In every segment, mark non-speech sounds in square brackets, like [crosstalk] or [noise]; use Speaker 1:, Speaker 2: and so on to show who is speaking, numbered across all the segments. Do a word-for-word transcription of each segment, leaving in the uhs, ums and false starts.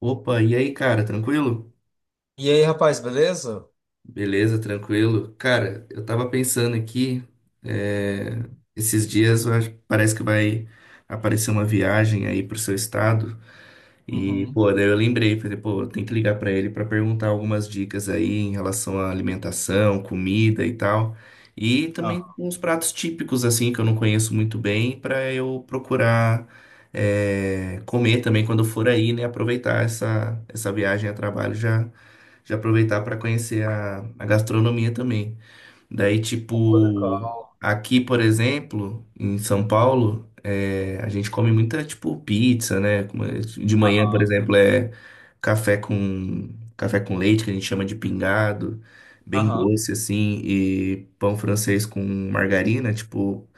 Speaker 1: Opa, e aí, cara, tranquilo?
Speaker 2: E aí, rapaz, beleza?
Speaker 1: Beleza, tranquilo. Cara, eu tava pensando aqui, é, esses dias eu acho- parece que vai aparecer uma viagem aí pro seu estado. E,
Speaker 2: Uhum.
Speaker 1: pô, daí eu lembrei, falei, pô, eu tenho que ligar pra ele pra perguntar algumas dicas aí em relação à alimentação, comida e tal. E
Speaker 2: Ah.
Speaker 1: também uns pratos típicos, assim, que eu não conheço muito bem, pra eu procurar é, comer também quando eu for aí, né? Aproveitar essa, essa viagem a trabalho já de aproveitar para conhecer a, a gastronomia também. Daí,
Speaker 2: Pô,
Speaker 1: tipo,
Speaker 2: legal.
Speaker 1: aqui, por exemplo, em São Paulo, é, a gente come muita, tipo, pizza, né? Como é- De manhã, por
Speaker 2: Aham,
Speaker 1: exemplo, é café com, café com leite, que a gente chama de pingado, bem
Speaker 2: aham.
Speaker 1: doce, assim, e pão francês com margarina, tipo...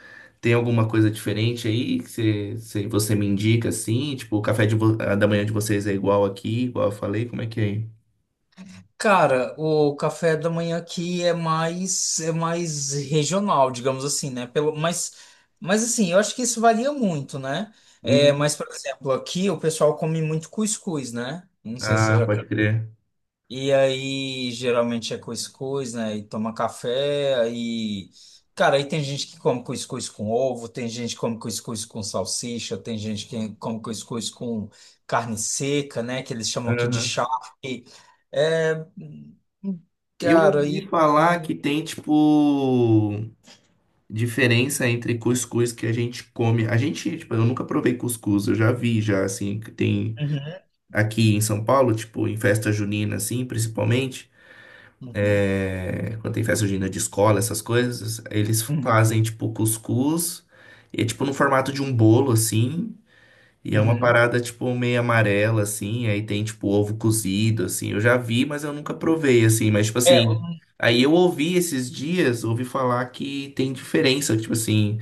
Speaker 1: Tem alguma coisa diferente aí que você, você você me indica assim? Tipo, o café de vo- da manhã de vocês é igual aqui, igual eu falei? Como é que é aí?
Speaker 2: Cara, o café da manhã aqui é mais é mais regional, digamos assim, né? Pelo, mas, mas assim, eu acho que isso varia muito, né? É, mas, por exemplo, aqui o pessoal come muito cuscuz, né? Não sei se você
Speaker 1: Ah,
Speaker 2: já.
Speaker 1: pode crer.
Speaker 2: E aí, geralmente é cuscuz, né? E toma café, aí... Cara, aí tem gente que come cuscuz com ovo, tem gente que come cuscuz com salsicha, tem gente que come cuscuz com carne seca, né? Que eles chamam aqui de
Speaker 1: Aham.
Speaker 2: charque. É...
Speaker 1: Eu
Speaker 2: Cara,
Speaker 1: ouvi
Speaker 2: e...
Speaker 1: falar
Speaker 2: e-
Speaker 1: que tem, tipo, diferença entre cuscuz que a gente come. A gente, tipo, eu nunca provei cuscuz, eu já vi, já, assim, que tem
Speaker 2: Uhum,
Speaker 1: aqui em São Paulo, tipo, em festa junina, assim, principalmente.
Speaker 2: uhum,
Speaker 1: é, Quando tem festa junina de escola, essas coisas, eles
Speaker 2: uhum,
Speaker 1: fazem, tipo, cuscuz, e é, tipo, no formato de um bolo, assim. E é uma
Speaker 2: uhum.
Speaker 1: parada, tipo, meio amarela, assim, aí tem, tipo, ovo cozido, assim. Eu já vi, mas eu nunca provei, assim. Mas, tipo
Speaker 2: É,
Speaker 1: assim, aí eu ouvi esses dias, ouvi falar que tem diferença, tipo assim,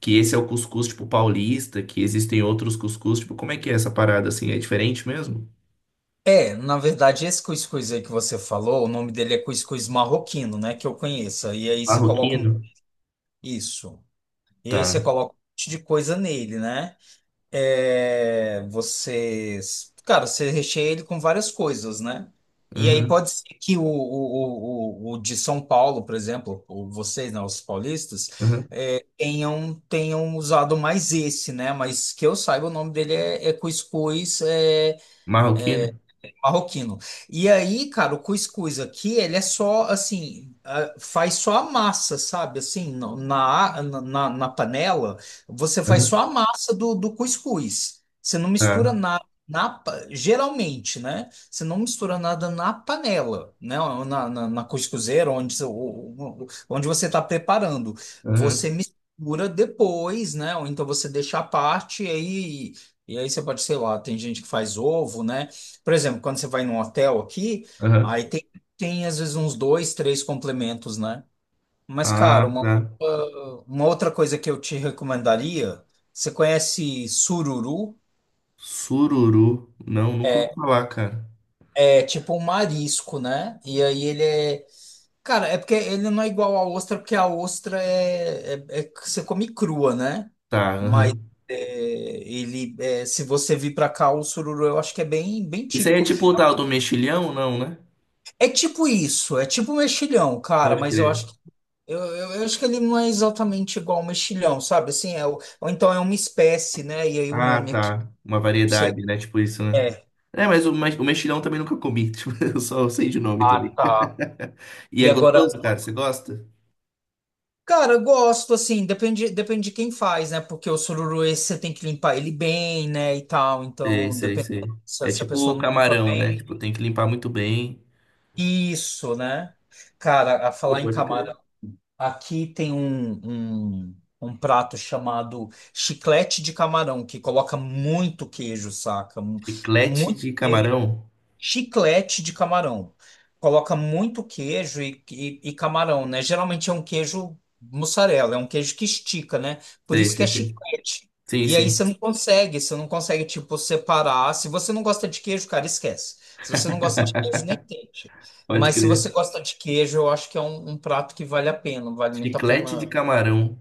Speaker 1: que esse é o cuscuz, tipo, paulista, que existem outros cuscuz, tipo, como é que é essa parada, assim? É diferente mesmo?
Speaker 2: é, na verdade, esse cuscuz aí que você falou, o nome dele é cuscuz marroquino, né? Que eu conheço. E aí você coloca um-
Speaker 1: Marroquino?
Speaker 2: isso. E aí você
Speaker 1: Tá.
Speaker 2: coloca um monte de coisa nele, né? É, você, cara, você recheia ele com várias coisas, né? E aí
Speaker 1: Aham,
Speaker 2: pode ser que o, o, o, o de São Paulo, por exemplo, ou vocês, né, os paulistas,
Speaker 1: aham.
Speaker 2: é, tenham, tenham usado mais esse, né? Mas que eu saiba, o nome dele é, é cuscuz é,
Speaker 1: Marroquino?
Speaker 2: marroquino. E aí, cara, o cuscuz aqui, ele é só assim, ah, faz só a massa, sabe? Assim, no- na, na, na na panela, você faz
Speaker 1: Aham,
Speaker 2: só a massa do, do cuscuz. Você não mistura
Speaker 1: tá.
Speaker 2: nada. Na, pa- geralmente, né? Você não mistura nada na panela, né? Ou Na, na, na cuscuzeira, onde, você- o- o- onde você está preparando. Você
Speaker 1: Aham,
Speaker 2: mistura depois, né? Ou então você deixa à parte e aí. E aí você pode, sei lá, tem gente que faz ovo, né? Por exemplo, quando você vai num hotel aqui,
Speaker 1: aham.
Speaker 2: aí tem, tem às vezes uns dois, três complementos, né? Mas, cara,
Speaker 1: Ah,
Speaker 2: uma,
Speaker 1: tá.
Speaker 2: outra- uma outra coisa que eu te recomendaria, você conhece sururu?
Speaker 1: Sururu. Não, nunca ouvi
Speaker 2: É,
Speaker 1: falar, cara.
Speaker 2: é tipo um marisco, né? E aí ele é. Cara, é porque ele não é igual à ostra, porque a ostra é, é, é que você come crua, né?
Speaker 1: Tá,
Speaker 2: Mas
Speaker 1: aham.
Speaker 2: é, ele, é, se você vir pra cá, o sururu eu acho que é bem, bem
Speaker 1: Isso aí é
Speaker 2: típico.
Speaker 1: tipo o tal do mexilhão, não, né?
Speaker 2: É tipo isso, é tipo mexilhão, cara,
Speaker 1: Pode
Speaker 2: mas eu
Speaker 1: crer.
Speaker 2: acho. Eu, eu, eu acho que ele não é exatamente igual ao mexilhão, sabe? Assim, é, o- ou então é uma espécie, né? E aí o
Speaker 1: Ah,
Speaker 2: nome aqui,
Speaker 1: tá. Uma
Speaker 2: não sei.
Speaker 1: variedade, né? Tipo isso, né?
Speaker 2: É.
Speaker 1: É, mas o, mex- o mexilhão também nunca comi. [laughs] Tipo, eu só sei de nome
Speaker 2: Ah,
Speaker 1: também.
Speaker 2: tá.
Speaker 1: E
Speaker 2: E
Speaker 1: é
Speaker 2: agora,
Speaker 1: gostoso, cara? Você gosta?
Speaker 2: cara, eu gosto, assim, depende, depende de quem faz, né? Porque o sururu esse você tem que limpar ele bem, né? E tal.
Speaker 1: Sei,
Speaker 2: Então,
Speaker 1: sei,
Speaker 2: depende
Speaker 1: sei.
Speaker 2: se,
Speaker 1: É
Speaker 2: se a
Speaker 1: tipo
Speaker 2: pessoa
Speaker 1: o
Speaker 2: não limpa
Speaker 1: camarão, né? Tipo,
Speaker 2: bem.
Speaker 1: tem que limpar muito bem.
Speaker 2: Isso, né? Cara, a
Speaker 1: Pô,
Speaker 2: falar em
Speaker 1: pode
Speaker 2: camarão.
Speaker 1: crer.
Speaker 2: Aqui tem um, um, um prato chamado chiclete de camarão, que coloca muito queijo, saca? Mu- É
Speaker 1: Chiclete
Speaker 2: muito
Speaker 1: de camarão?
Speaker 2: Chiclete de camarão. Coloca muito queijo e, e- e camarão, né? Geralmente é um queijo mussarela, é um queijo que estica, né? Por
Speaker 1: Sei,
Speaker 2: isso que é
Speaker 1: sei, sei.
Speaker 2: chiclete.
Speaker 1: Sim,
Speaker 2: E aí você
Speaker 1: sim.
Speaker 2: não consegue, você não consegue, tipo, separar. Se você não gosta de queijo, cara, esquece. Se você não gosta de queijo, nem tente.
Speaker 1: Pode
Speaker 2: Mas se
Speaker 1: crer.
Speaker 2: você gosta de queijo, eu acho que é um, um prato que vale a pena, vale muito a
Speaker 1: Chiclete
Speaker 2: pena.
Speaker 1: de camarão.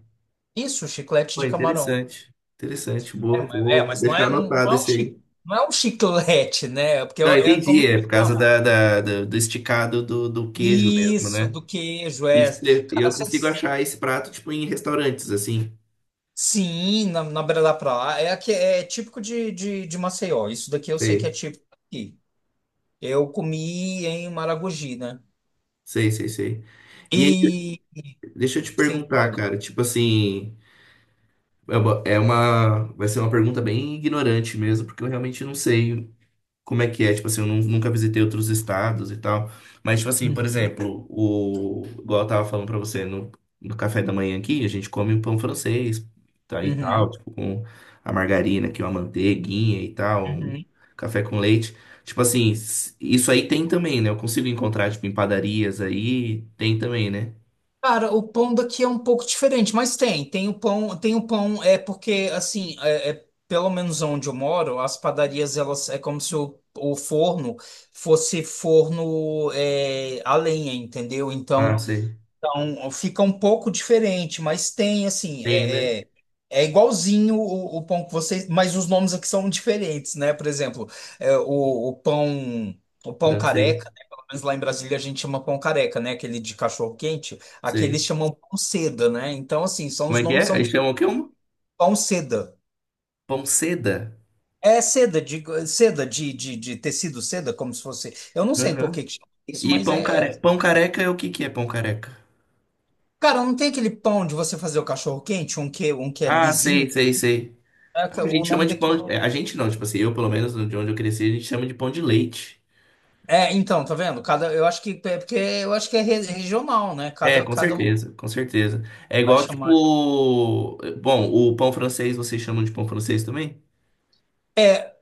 Speaker 2: Isso, chiclete
Speaker 1: Pô,
Speaker 2: de camarão.
Speaker 1: interessante. Interessante.
Speaker 2: É,
Speaker 1: Boa.
Speaker 2: mas, é,
Speaker 1: Vou
Speaker 2: mas não
Speaker 1: deixar
Speaker 2: é, não, não
Speaker 1: anotado
Speaker 2: é um
Speaker 1: esse
Speaker 2: chi-
Speaker 1: aí.
Speaker 2: não é um chiclete, né? Porque
Speaker 1: Não,
Speaker 2: é é como
Speaker 1: entendi. É
Speaker 2: eles
Speaker 1: por causa
Speaker 2: chamam.
Speaker 1: da, da- da- do esticado do, do queijo mesmo,
Speaker 2: Isso,
Speaker 1: né?
Speaker 2: do queijo,
Speaker 1: E
Speaker 2: é.
Speaker 1: tipo, eu
Speaker 2: Cara,
Speaker 1: eu consigo
Speaker 2: vocês-
Speaker 1: achar esse prato tipo em restaurantes, assim.
Speaker 2: sim, na, na beira da praia. É, aqui- é típico de, de, de Maceió. Isso daqui eu sei que é
Speaker 1: Sei,
Speaker 2: típico aqui. Eu comi em Maragogi, né?
Speaker 1: sei, sei, sei. E aí,
Speaker 2: E,
Speaker 1: deixa eu te
Speaker 2: sim,
Speaker 1: perguntar,
Speaker 2: olha.
Speaker 1: cara. Tipo assim, é uma, é uma- vai ser uma pergunta bem ignorante mesmo, porque eu realmente não sei como é que é, tipo assim, eu nun- nunca visitei outros estados e tal. Mas, tipo assim, por
Speaker 2: Uhum,
Speaker 1: exemplo, o, igual eu tava falando pra você, no, no café da manhã aqui, a gente come um pão francês tá, e tal,
Speaker 2: uhum,
Speaker 1: tipo, com a margarina aqui, uma manteiguinha e tal, um
Speaker 2: uhum.
Speaker 1: café com leite. Tipo assim, s- isso aí tem também, né? Eu consigo encontrar, tipo, em padarias aí, tem também, né?
Speaker 2: Cara, o pão daqui é um pouco diferente, mas tem. Tem o pão, tem o pão, é porque, assim, é, é- pelo menos onde eu moro, as padarias, elas, é como se o, o forno fosse forno é, a lenha, entendeu? Então,
Speaker 1: Ah, sei.
Speaker 2: Então, fica um pouco diferente, mas tem assim,
Speaker 1: Tem, né?
Speaker 2: é, é, é igualzinho o, o pão que vocês, mas os nomes aqui são diferentes, né? Por exemplo, é, o, o pão, o pão
Speaker 1: Francês,
Speaker 2: careca, né? Pelo menos lá em Brasília a gente chama pão careca, né? Aquele de cachorro quente, aqui eles
Speaker 1: sei.
Speaker 2: chamam pão seda, né? Então, assim, são
Speaker 1: Como
Speaker 2: os
Speaker 1: é que
Speaker 2: nomes
Speaker 1: é?
Speaker 2: são
Speaker 1: Aí
Speaker 2: de
Speaker 1: chamam o quê? Um
Speaker 2: pão seda.
Speaker 1: pão seda?
Speaker 2: É seda de seda de, de, de tecido seda, como se fosse. Eu não sei por que
Speaker 1: Aham.
Speaker 2: que chama isso,
Speaker 1: E
Speaker 2: mas
Speaker 1: pão
Speaker 2: é,
Speaker 1: care...
Speaker 2: é-
Speaker 1: pão careca é o que que é pão careca?
Speaker 2: cara, não tem aquele pão de você fazer o cachorro quente, um que um que é
Speaker 1: Ah,
Speaker 2: lisinho.
Speaker 1: sei, sei, sei. Ah,
Speaker 2: Caraca,
Speaker 1: a
Speaker 2: o
Speaker 1: gente chama
Speaker 2: nome
Speaker 1: de pão.
Speaker 2: daquilo.
Speaker 1: é, A gente não, tipo assim, eu pelo menos, de onde eu cresci, a gente chama de pão de leite.
Speaker 2: É, então, tá vendo? Cada, eu acho que é porque eu acho que é re- regional, né?
Speaker 1: É,
Speaker 2: Cada
Speaker 1: com
Speaker 2: cada lugar
Speaker 1: certeza, com certeza. É
Speaker 2: vai
Speaker 1: igual,
Speaker 2: chamar.
Speaker 1: tipo. Bom, o pão francês vocês chamam de pão francês também?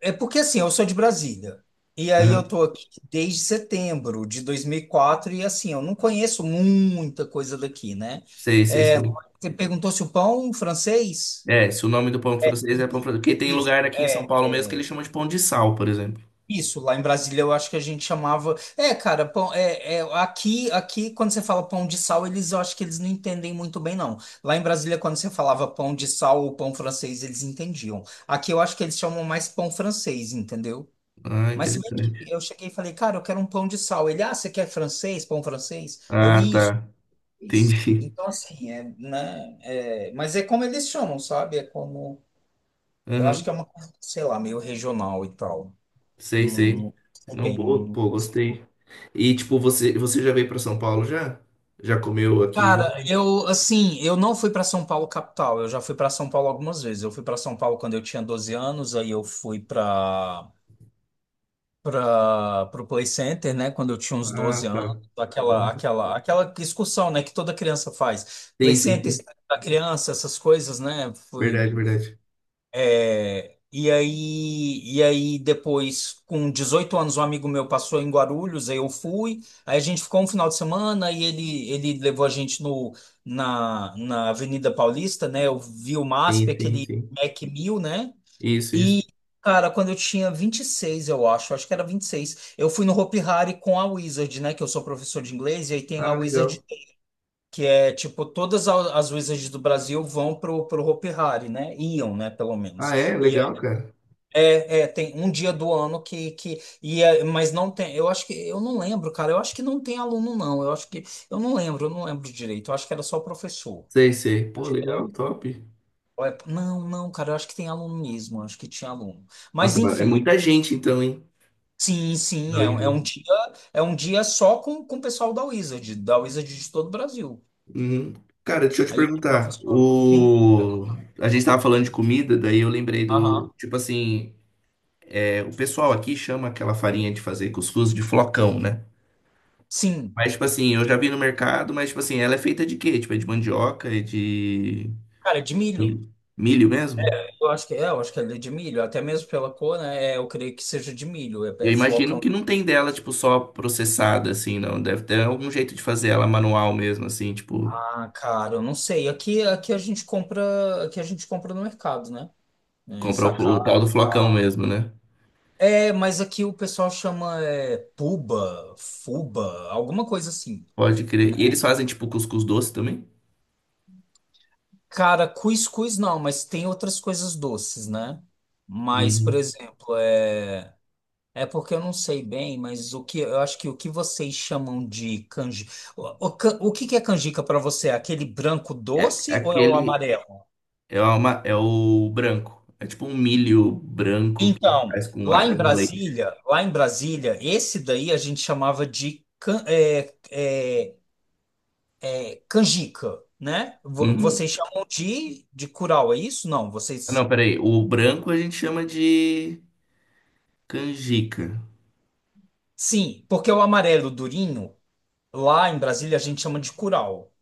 Speaker 2: É porque assim, eu sou de Brasília. E aí eu
Speaker 1: Aham.
Speaker 2: tô aqui desde setembro de dois mil e quatro e quatro e assim, eu não conheço muita coisa daqui, né?
Speaker 1: Sei, sei,
Speaker 2: É,
Speaker 1: sei.
Speaker 2: você perguntou se o pão francês?
Speaker 1: É, se o nome do pão francês é pão
Speaker 2: Isso,
Speaker 1: francês. Porque tem
Speaker 2: isso.
Speaker 1: lugar aqui em
Speaker 2: É.
Speaker 1: São Paulo mesmo que eles chamam de pão de sal, por exemplo.
Speaker 2: Isso, lá em Brasília eu acho que a gente chamava. É, cara, pão, é, é, aqui, aqui quando você fala pão de sal, eles eu acho que eles não entendem muito bem, não. Lá em Brasília, quando você falava pão de sal ou pão francês, eles entendiam. Aqui eu acho que eles chamam mais pão francês, entendeu?
Speaker 1: Ah,
Speaker 2: Mas se bem
Speaker 1: interessante.
Speaker 2: que eu cheguei e falei, cara, eu quero um pão de sal. Ele, ah, você quer francês, pão francês? Eu,
Speaker 1: Ah,
Speaker 2: isso,
Speaker 1: tá.
Speaker 2: isso.
Speaker 1: Entendi.
Speaker 2: Então, assim, é, né? é, mas é como eles chamam, sabe? É como. Eu acho
Speaker 1: Aham.
Speaker 2: que é uma coisa, sei lá, meio regional e tal.
Speaker 1: Sei,
Speaker 2: Não,
Speaker 1: sei.
Speaker 2: não sei
Speaker 1: Não,
Speaker 2: bem, não,
Speaker 1: boa,
Speaker 2: não
Speaker 1: pô,
Speaker 2: consigo.
Speaker 1: gostei. E, tipo, você, você já veio pra São Paulo já? Já comeu aqui?
Speaker 2: Cara, eu assim, eu não fui para São Paulo capital. Eu já fui para São Paulo algumas vezes. Eu fui para São Paulo quando eu tinha doze anos, aí eu fui para para o Play Center, né, quando eu tinha uns doze
Speaker 1: Ah,
Speaker 2: anos,
Speaker 1: tá.
Speaker 2: aquela
Speaker 1: Uhum.
Speaker 2: aquela aquela excursão, né, que toda criança faz. Play
Speaker 1: Sim, sim,
Speaker 2: Center,
Speaker 1: sim.
Speaker 2: Estádio da criança, essas coisas, né? Fui
Speaker 1: Verdade, verdade.
Speaker 2: É, e aí, e aí depois, com dezoito anos, um amigo meu passou em Guarulhos, aí eu fui. Aí a gente ficou um final de semana e ele, ele levou a gente no, na, na Avenida Paulista, né? Eu vi o MASP,
Speaker 1: Sim, sim,
Speaker 2: aquele
Speaker 1: sim.
Speaker 2: Mac mil né?
Speaker 1: Isso,
Speaker 2: E,
Speaker 1: isso.
Speaker 2: Cara, quando eu tinha vinte e seis eu acho, acho que era vinte e seis eu fui no Hopi Hari com a Wizard, né? Que eu sou professor de inglês, e aí tem a
Speaker 1: Ah,
Speaker 2: Wizard
Speaker 1: legal.
Speaker 2: que é tipo, todas a- as Wizards do Brasil vão pro, pro Hopi Hari, né? Iam, né, pelo
Speaker 1: Ah,
Speaker 2: menos.
Speaker 1: é?
Speaker 2: E
Speaker 1: Legal, cara.
Speaker 2: é, é, tem um dia do ano que, que e é- mas não tem, eu acho que, eu não lembro, cara, eu acho que não tem aluno, não, eu acho que, eu não lembro, eu não lembro direito, eu acho que era só professor.
Speaker 1: Sei, sei. Pô, legal, top.
Speaker 2: Ou é- Não, não, cara, eu acho que tem aluno mesmo, eu acho que tinha aluno. Mas,
Speaker 1: Nossa, mas é
Speaker 2: enfim,
Speaker 1: muita gente então, hein?
Speaker 2: sim, sim, é,
Speaker 1: Não,
Speaker 2: é um
Speaker 1: Igor.
Speaker 2: dia, é um dia só com, com o pessoal da Wizard, da Wizard de todo o Brasil.
Speaker 1: Uhum. Cara, deixa eu te
Speaker 2: Aí,
Speaker 1: perguntar.
Speaker 2: professor, sim,
Speaker 1: O... A gente tava falando de comida, daí eu lembrei do.
Speaker 2: aham,
Speaker 1: Tipo assim, é, o pessoal aqui chama aquela farinha de fazer cuscuz de flocão, né?
Speaker 2: sim,
Speaker 1: Mas, tipo assim, eu já vi no mercado, mas, tipo assim, ela é feita de quê? Tipo, é de mandioca, é de
Speaker 2: cara, é de milho.
Speaker 1: mi- milho mesmo?
Speaker 2: Eu acho que é, eu acho que ele é de milho, até mesmo pela cor, né? é, Eu creio que seja de milho, é,
Speaker 1: E
Speaker 2: é
Speaker 1: eu imagino
Speaker 2: flocão.
Speaker 1: que não tem dela, tipo, só processada, assim, não. Deve ter algum jeito de fazer ela manual mesmo, assim, tipo,
Speaker 2: Ah, cara, eu não sei. Aqui, aqui a gente compra, aqui a gente compra no mercado, né? Em
Speaker 1: comprar o, o
Speaker 2: sacada
Speaker 1: tal
Speaker 2: e
Speaker 1: do flocão
Speaker 2: tal.
Speaker 1: mesmo, né?
Speaker 2: É, mas aqui o pessoal chama é, puba, fuba, alguma coisa assim,
Speaker 1: Pode
Speaker 2: né?
Speaker 1: crer. E eles fazem, tipo, cuscuz doce também?
Speaker 2: Cara, cuscuz não, mas tem outras coisas doces, né? Mas, por
Speaker 1: Uhum.
Speaker 2: exemplo, é é porque eu não sei bem, mas o que eu acho que o que vocês chamam de canjica, o, o, can- o que que é canjica para você? É aquele branco
Speaker 1: É
Speaker 2: doce ou é o
Speaker 1: aquele.
Speaker 2: amarelo?
Speaker 1: É, uma, é o branco. É tipo um milho branco que
Speaker 2: Então,
Speaker 1: faz com
Speaker 2: lá em
Speaker 1: água, com leite.
Speaker 2: Brasília, lá em Brasília, esse daí a gente chamava de can- é, é, é, canjica, né? Vo-
Speaker 1: Uhum.
Speaker 2: Vocês chamam de, de curau, é isso? Não,
Speaker 1: Ah, não,
Speaker 2: vocês.
Speaker 1: peraí. O branco a gente chama de canjica.
Speaker 2: Sim, porque o amarelo durinho, lá em Brasília a gente chama de curau.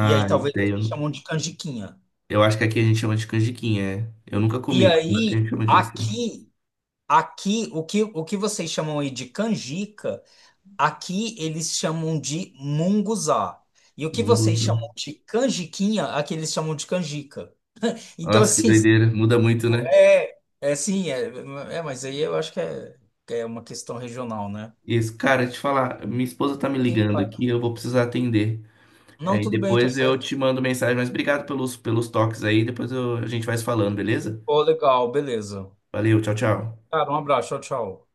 Speaker 2: E aí
Speaker 1: isso
Speaker 2: talvez
Speaker 1: aí eu,
Speaker 2: vocês
Speaker 1: não-
Speaker 2: chamam de canjiquinha.
Speaker 1: eu acho que aqui a gente chama de canjiquinha, é. Eu nunca
Speaker 2: E
Speaker 1: comi, mas aqui a
Speaker 2: aí,
Speaker 1: gente chama disso.
Speaker 2: aqui, aqui, o que, o que vocês chamam aí de canjica. Aqui eles chamam de munguzá. E o que vocês chamam
Speaker 1: Mungo.
Speaker 2: de canjiquinha, aqui eles chamam de canjica. Então,
Speaker 1: Nossa, que
Speaker 2: assim, tipo,
Speaker 1: doideira. Muda muito,
Speaker 2: [laughs]
Speaker 1: né?
Speaker 2: é, é sim, é, é, mas aí eu acho que é, que é, uma questão regional, né?
Speaker 1: Isso. Cara, te falar, minha esposa tá me
Speaker 2: Quem
Speaker 1: ligando
Speaker 2: faz-
Speaker 1: aqui, eu vou precisar atender.
Speaker 2: Não,
Speaker 1: Aí
Speaker 2: tudo bem, tá
Speaker 1: depois eu
Speaker 2: certo.
Speaker 1: te mando mensagem, mas obrigado pelos, pelos toques aí, depois eu- a gente vai se falando, beleza?
Speaker 2: Pô, legal, beleza.
Speaker 1: Valeu, tchau, tchau.
Speaker 2: Cara, um abraço, tchau, tchau.